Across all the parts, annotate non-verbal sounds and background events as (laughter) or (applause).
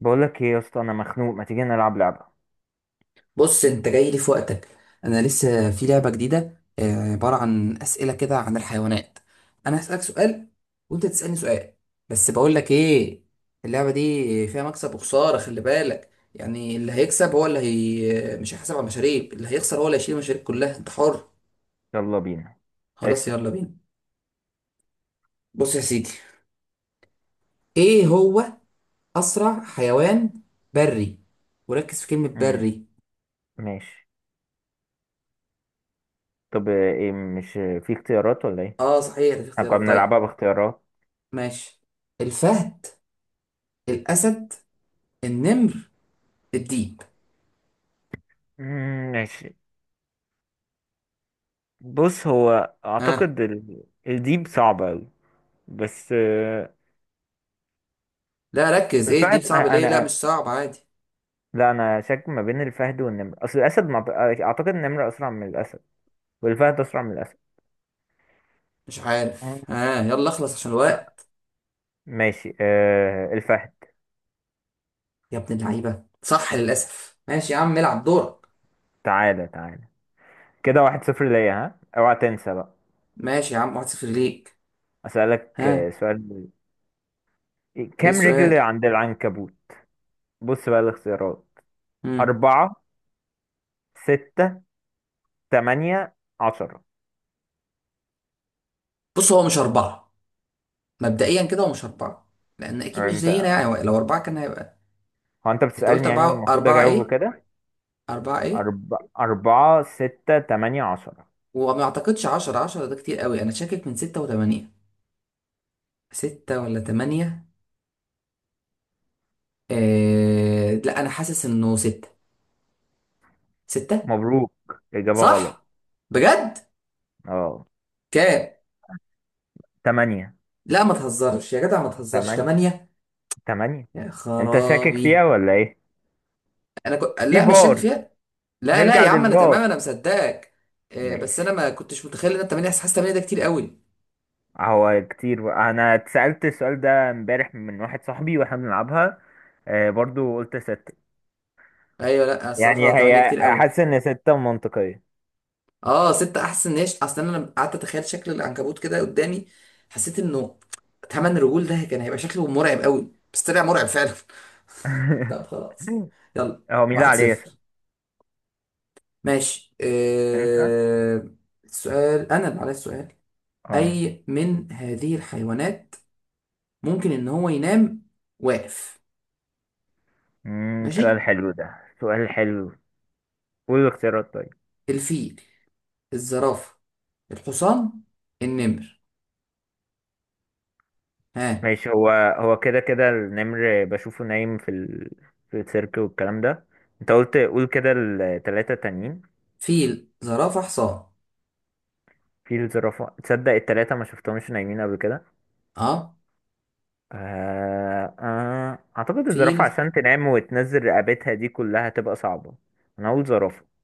بقولك ايه يا اسطى؟ انا مخنوق، ما تيجي نلعب لعبة؟ بص، انت جاي لي في وقتك. انا لسه في لعبه جديده، عباره عن اسئله كده عن الحيوانات. انا هسالك سؤال، وانت تسالني سؤال. بس بقول لك ايه، اللعبه دي فيها مكسب وخساره، خلي بالك. يعني اللي هيكسب هو اللي هي مش هيحاسب على المشاريب، اللي هيخسر هو اللي هيشيل المشاريب كلها. انت حر. يلا بينا. خلاص، اسأل. يلا بينا. بص يا سيدي، ايه هو اسرع حيوان بري؟ وركز في كلمه مم. بري. ماشي. طب ايه، مش في اختيارات ولا ايه؟ اه صحيح، ده في احنا كنا اختيارات، طيب. بنلعبها باختيارات. ماشي، الفهد، الاسد، النمر، الديب. ماشي. بص، هو ها؟ اعتقد الديب صعبة اوي. بس لا ركز، ايه الديب الفهد صعب ليه؟ لا مش صعب، عادي. لا، انا شاك ما بين الفهد والنمر، اصل الاسد ما ب- اعتقد النمر اسرع من الاسد، والفهد اسرع من الاسد. مش مم. عارف، ها، يلا اخلص عشان ما- الوقت. ماشي، الفهد. يا ابن اللعيبه، صح للاسف، ماشي يا عم، العب دورك. تعالى تعالى، كده 1-0 ليا. ها، اوعى تنسى بقى. ماشي يا عم، 1-0 ليك. أسألك ها؟ سؤال: ايه كام السؤال؟ رجل عند العنكبوت؟ بص بقى الاختيارات: مم. أربعة، ستة، تمانية، عشرة. بص، هو مش اربعه. مبدئيا كده هو مش اربعه، لان اكيد مش أنت، زينا، يعني هو لو اربعه كان هيبقى. هو أنت انت قلت بتسألني يعني اربعه، والمفروض اربعه أجاوب ايه؟ كده؟ اربعه ايه؟ أرب... أربعة، ستة، تمانية، عشرة. وما اعتقدش 10، 10 ده كتير قوي. انا شاكك من 6 و8. 6 ولا 8؟ لا، انا حاسس انه 6. ستة. مبروك، إجابة غلط. صح؟ بجد؟ أه، كام؟ تمانية. لا ما تهزرش يا جدع، ما تهزرش، تمانية. تمانية؟ تمانية. يا أنت شاكك فيها خرابي. ولا إيه؟ انا كنت، في لا مش شاك فار. فيها. لا لا نرجع يا عم، انا تمام، للفار. انا مصدقك. بس انا ماشي، ما كنتش متخيل ان أنا تمانية، حاسس تمانية ده كتير قوي. هو كتير بقى. أنا اتسألت السؤال ده امبارح من واحد صاحبي وإحنا بنلعبها، برضو قلت ستة. ايوه، لا الصراحة يعني تمانية هي، كتير قوي. حاسس ان ستة منطقية. اه ستة احسن، ان هي اصل انا لما قعدت اتخيل شكل العنكبوت كده قدامي، حسيت انه 8 رجول ده كان هيبقى شكله مرعب قوي، بس طلع مرعب فعلا. (laughs) طب (laughs) خلاص، يلا هو مين اللي واحد عليه يسأل؟ صفر ماشي، انت. سؤال، أنا اللي عليا السؤال. اه. أي من هذه الحيوانات ممكن إن هو ينام واقف؟ سؤال ماشي، حلو ده. سؤال حلو. قول الاختيارات طيب. الفيل، الزرافة، الحصان، النمر. ها؟ ماشي، هو. هو كده كده النمر بشوفه نايم في في السيرك والكلام ده. انت قلت قول كده التلاتة تانيين. فيل، زرافة، حصان؟ في الزرافة، تصدق التلاتة ما شفتهمش نايمين قبل كده. اه، اعتقد الزرافة فيل. عشان تنام وتنزل رقبتها دي كلها تبقى صعبة. انا اقول زرافة.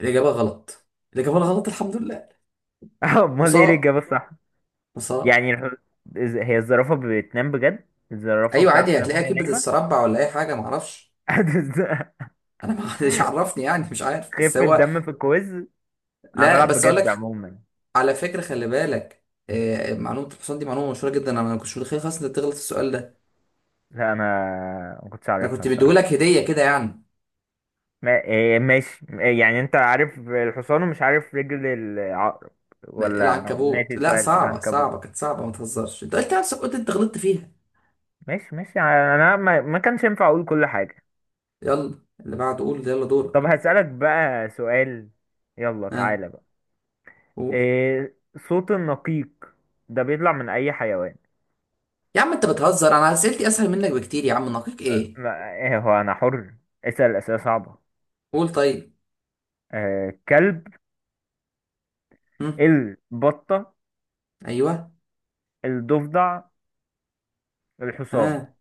الإجابة غلط؟ الإجابة غلط، الحمد لله. (laughs) امال ايه حصان، الاجابة؟ حصان. يعني هي الزرافة بتنام بجد؟ الزرافة أيوة بتعرف عادي، تنام هتلاقيها وهي كبدة نايمة. السربع ولا أي حاجة، معرفش. (laughs) أنا ما حدش عرفني يعني، مش عارف، بس خفة هو. دم في الكويز. انا لا لا، بلعب بس أقول بجد لك، عموما. على فكرة، خلي بالك. معلومة الحصان دي معلومة مشهورة جدا، انا ما كنتش متخيل خالص انك تغلط في السؤال ده. لا انا ما كنتش انا عارفها كنت الصراحة. مديهولك هدية كده يعني. إيه، ماشي. إيه، يعني انت عارف الحصان ومش عارف رجل العقرب؟ ولا انا العنكبوت ناسي لا، سؤال صعبة صعبة، العنكبوت. كانت صعبة، ما تهزرش، انت قلت نفسك، قلت انت غلطت فيها. ماشي ماشي. انا ما كانش ينفع اقول كل حاجة. يلا اللي بعده، قول يلا، دورك. طب هسألك بقى سؤال. يلا ها، تعالى بقى. قول. إيه صوت النقيق ده؟ بيطلع من اي حيوان؟ يا عم انت بتهزر، انا اسئلتي اسهل منك بكتير يا عم، نقيك ايه. ما ايه، هو انا حر، اسأل اسئلة صعبة. قول طيب. كلب، هم. البطة، ايوه. الضفدع، الحصان. ها.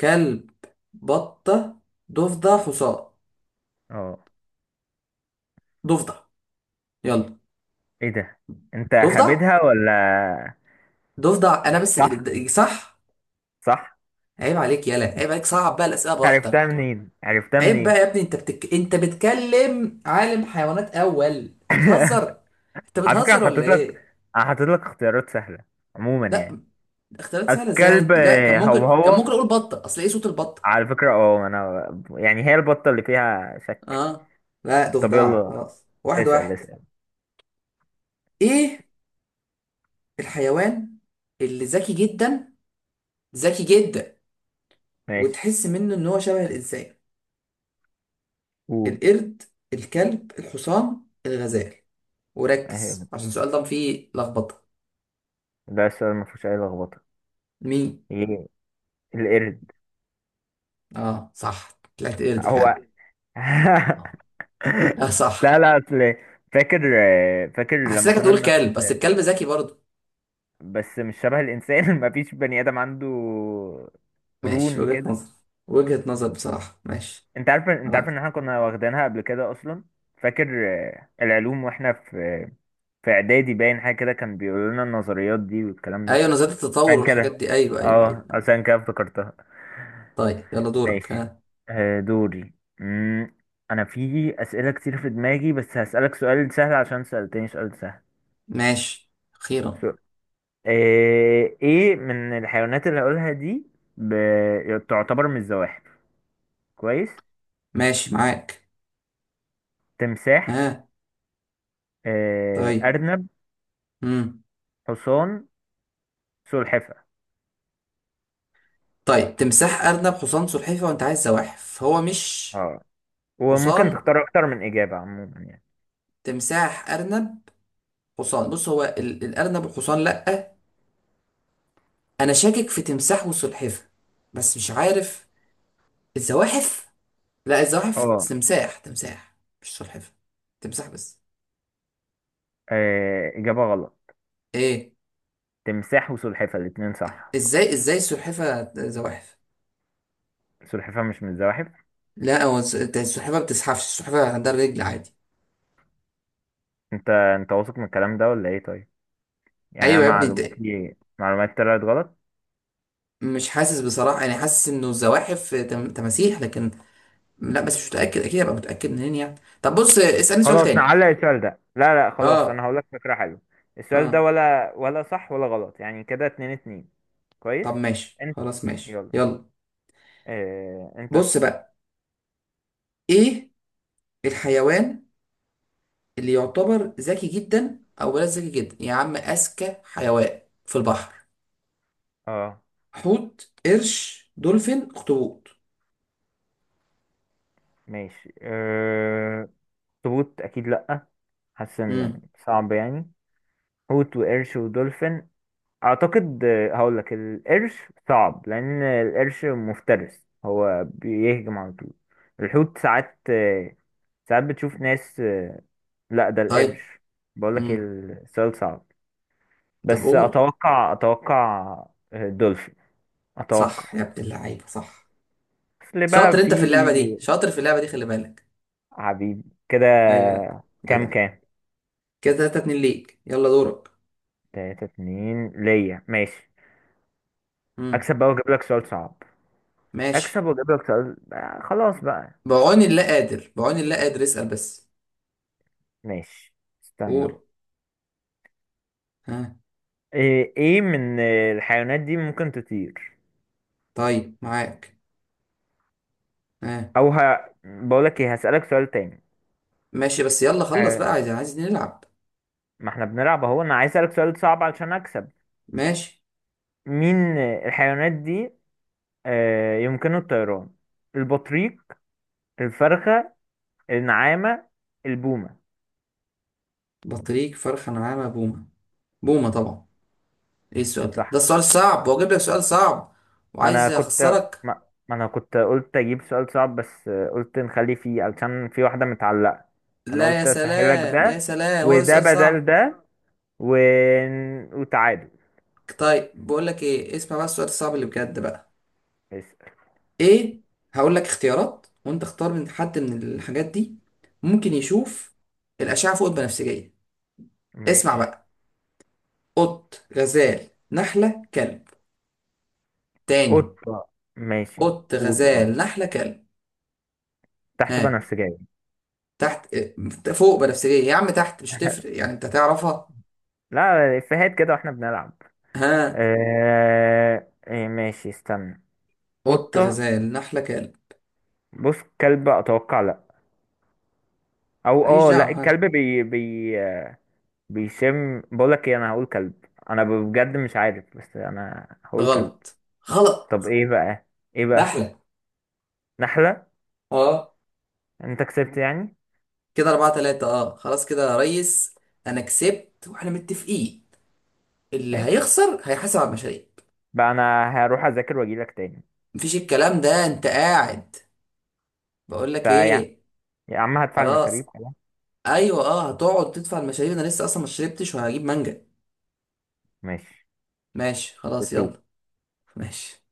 كلب، بطة، ضفدع، حصان. اه. ضفدع، يلا. ايه ده، انت ضفدع، هبدها ولا؟ ضفدع انا بس. صح. صح. صح. عيب عليك، يالا عيب عليك، صعب بقى الاسئله، عرفتها براحتك. منين؟ عرفتها عيب بقى منين؟ يا ابني، انت انت بتكلم عالم حيوانات اول. انت بتهزر، انت على فكرة انا بتهزر ولا حطيت لك، ايه؟ انا حطيت لك اختيارات سهلة عموما لا. يعني. اختيارات سهله ازاي الكلب يعني؟ لا، كان ممكن، هو هو. اقول بطه، اصل ايه صوت البطه. على فكرة انا، يعني هي البطة اللي فيها شك. اه، لا طب ضفدع يلا، خلاص، واحد اسأل واحد اسأل. ايه الحيوان اللي ذكي جدا، ذكي جدا، ماشي. وتحس منه ان هو شبه الانسان؟ قول. القرد، الكلب، الحصان، الغزال. اهي، وركز عشان السؤال ده فيه لخبطه. ده السؤال ما فيهوش اي لخبطة. مين؟ ايه؟ القرد. اه صح، طلعت قرد هو. فعلا. (laughs) اه، لا لا صح. لا، اصل فاكر، فاكر لما حسيتك كنا هتقول بناخد. كلب، بس الكلب ذكي برضه. بس مش شبه الانسان. (laughs) مفيش بني ادم عنده ماشي، قرون وجهة كده. نظر. وجهة نظر بصراحة، ماشي. انت عارف، انت عارف ان اه، احنا كنا واخدينها قبل كده اصلا. فاكر؟ العلوم واحنا في اعدادي، باين حاجه كده كان بيقولوا لنا النظريات دي والكلام ده. ايوه، نظرية التطور عشان والحاجات كده، دي، ايوه ايوه، اه اه، أيوة. عشان كده افتكرتها. طيب يلا دورك، ماشي. ها. دوري. مم، انا في اسئله كتير في دماغي، بس هسالك سؤال سهل عشان سالتني سؤال سهل. ماشي س- اخيرا. ايه من الحيوانات اللي هقولها دي ب... تعتبر من الزواحف؟ كويس. ماشي معاك. تمساح، ها. طيب. ارنب، امم حصان، سلحفة. طيب، تمساح، ارنب، حصان، سلحفة، وانت عايز زواحف، هو مش. اه. وممكن حصان، تختار اكتر من اجابة عموما يعني. تمساح، ارنب، حصان. بص هو الارنب والحصان لا، انا شاكك في تمساح وسلحفة، بس مش عارف. الزواحف، لا الزواحف اه. تمساح، تمساح، مش سلحفة، تمساح بس. اجابة غلط. ايه؟ تمساح وسلحفة الاتنين صح. ازاي السلحفة زواحف؟ سلحفة مش من الزواحف؟ لا، هو السلحفة ما بتزحفش، السلحفة عندها رجل عادي. انت واثق من الكلام ده ولا ايه؟ طيب، يعني أنا ايوه يا ابني انت. معلوماتي، معلومات طلعت غلط. مش حاسس بصراحة، انا حاسس انه الزواحف تماسيح، لكن لا، بس مش متأكد، اكيد ابقى متأكد منين يعني؟ طب بص، اسألني سؤال خلاص تاني. نعلق السؤال ده. لا لا، خلاص، انا اه. هقول لك فكرة حلوة. السؤال اه، ده ولا صح ولا غلط، يعني كده 2-2. كويس. طب ماشي انت. خلاص، ماشي يلا. يلا. اه، انت بص اسأل. بقى، ايه الحيوان اللي يعتبر ذكي جدا، او بلاش ذكي جدا يا عم، اذكى حيوان في البحر؟ اه، حوت، قرش، دولفين، اخطبوط. ماشي. اه، اخطبوط اكيد لا. حاسس ان امم صعب يعني. حوت وقرش ودولفين. اعتقد هقول لك القرش. صعب، لان القرش مفترس هو بيهجم على طول. الحوت ساعات بتشوف ناس. لا، ده طيب. القرش. بقول لك امم السؤال صعب، طب بس قول. اتوقع دولفين. اتوقع. صح يا ابن اللعيبه، صح. اصل بقى شاطر في. انت في اللعبه دي، شاطر في اللعبه دي، خلي بالك. حبيبي. كده. ايوه، لا كام جدع. كام؟ كده 3-2 ليك، يلا دورك. 3-2 ليا، ماشي. امم اكسب بقى واجيب لك سؤال صعب. اكسب ماشي. واجيب لك سؤال، خلاص بقى. بعون الله قادر، بعون الله قادر، اسال بس. ماشي، استنى قول، بقى. ها. إيه من الحيوانات دي ممكن تطير؟ طيب معاك، ها. بقول لك ايه، هسألك سؤال تاني. ماشي بس، يلا خلص آه، بقى، عايز نلعب. ما احنا بنلعب اهو، انا عايز اسألك سؤال صعب علشان اكسب. ماشي. مين الحيوانات دي يمكنه الطيران؟ البطريق، الفرخة، النعامة، البومة. بطريق، فرخة، نعامة، بومة. بومة طبعا. ايه السؤال ده؟ ده صح. السؤال الصعب، واجيب لك سؤال صعب ما انا وعايز كنت اخسرك. ما, ما انا كنت قلت اجيب سؤال صعب، بس قلت نخلي فيه علشان في واحدة متعلقة. فانا لا، يا قلت اسهلك سلام يا ده، سلام، هو ده وده سؤال بدل صعب؟ ده، و... وتعادل. طيب بقول لك ايه، اسمع بقى السؤال الصعب اللي بجد بقى. اسأل. ايه؟ هقول لك اختيارات، وانت اختار من حد من الحاجات دي ممكن يشوف الاشعه فوق البنفسجيه. اسمع ماشي، بقى، قط، غزال، نحله، كلب. تاني، قطة. ماشي. قط، قول اه. غزال، نحله، كلب. تحت ها؟ بنفسجية. تحت، فوق بنفسجية يا عم، تحت مش هتفرق يعني، انت هتعرفها. لا، افيهات كده واحنا بنلعب. ها. إيه، ماشي استنى. قط، قطة. غزال، نحلة، كلب. بص، كلب اتوقع. لا، او ماليش اه دعوة، لا ها. الكلب بي بيشم. بقولك ايه، انا هقول كلب. انا بجد مش عارف، بس انا هقول كلب. غلط. طب غلط. ايه بقى؟ ايه بقى؟ نحلة. نحلة. اه. انت كسبت يعني؟ كده 4-3، اه خلاص، كده يا ريس. أنا كسبت، وإحنا متفقين اللي ماشي، هيخسر هيحاسب على المشاريب. بقى انا هروح اذاكر واجيلك تاني. مفيش الكلام ده، أنت قاعد. بقول انت لك يع- إيه، يا عم، هدفع خلاص. المشاريب خلاص. أيوه اه، هتقعد تدفع المشاريب. أنا لسه أصلا ما شربتش، وهجيب مانجا. ماشي. ماشي خلاص، يلا. بتشوف. ماشي.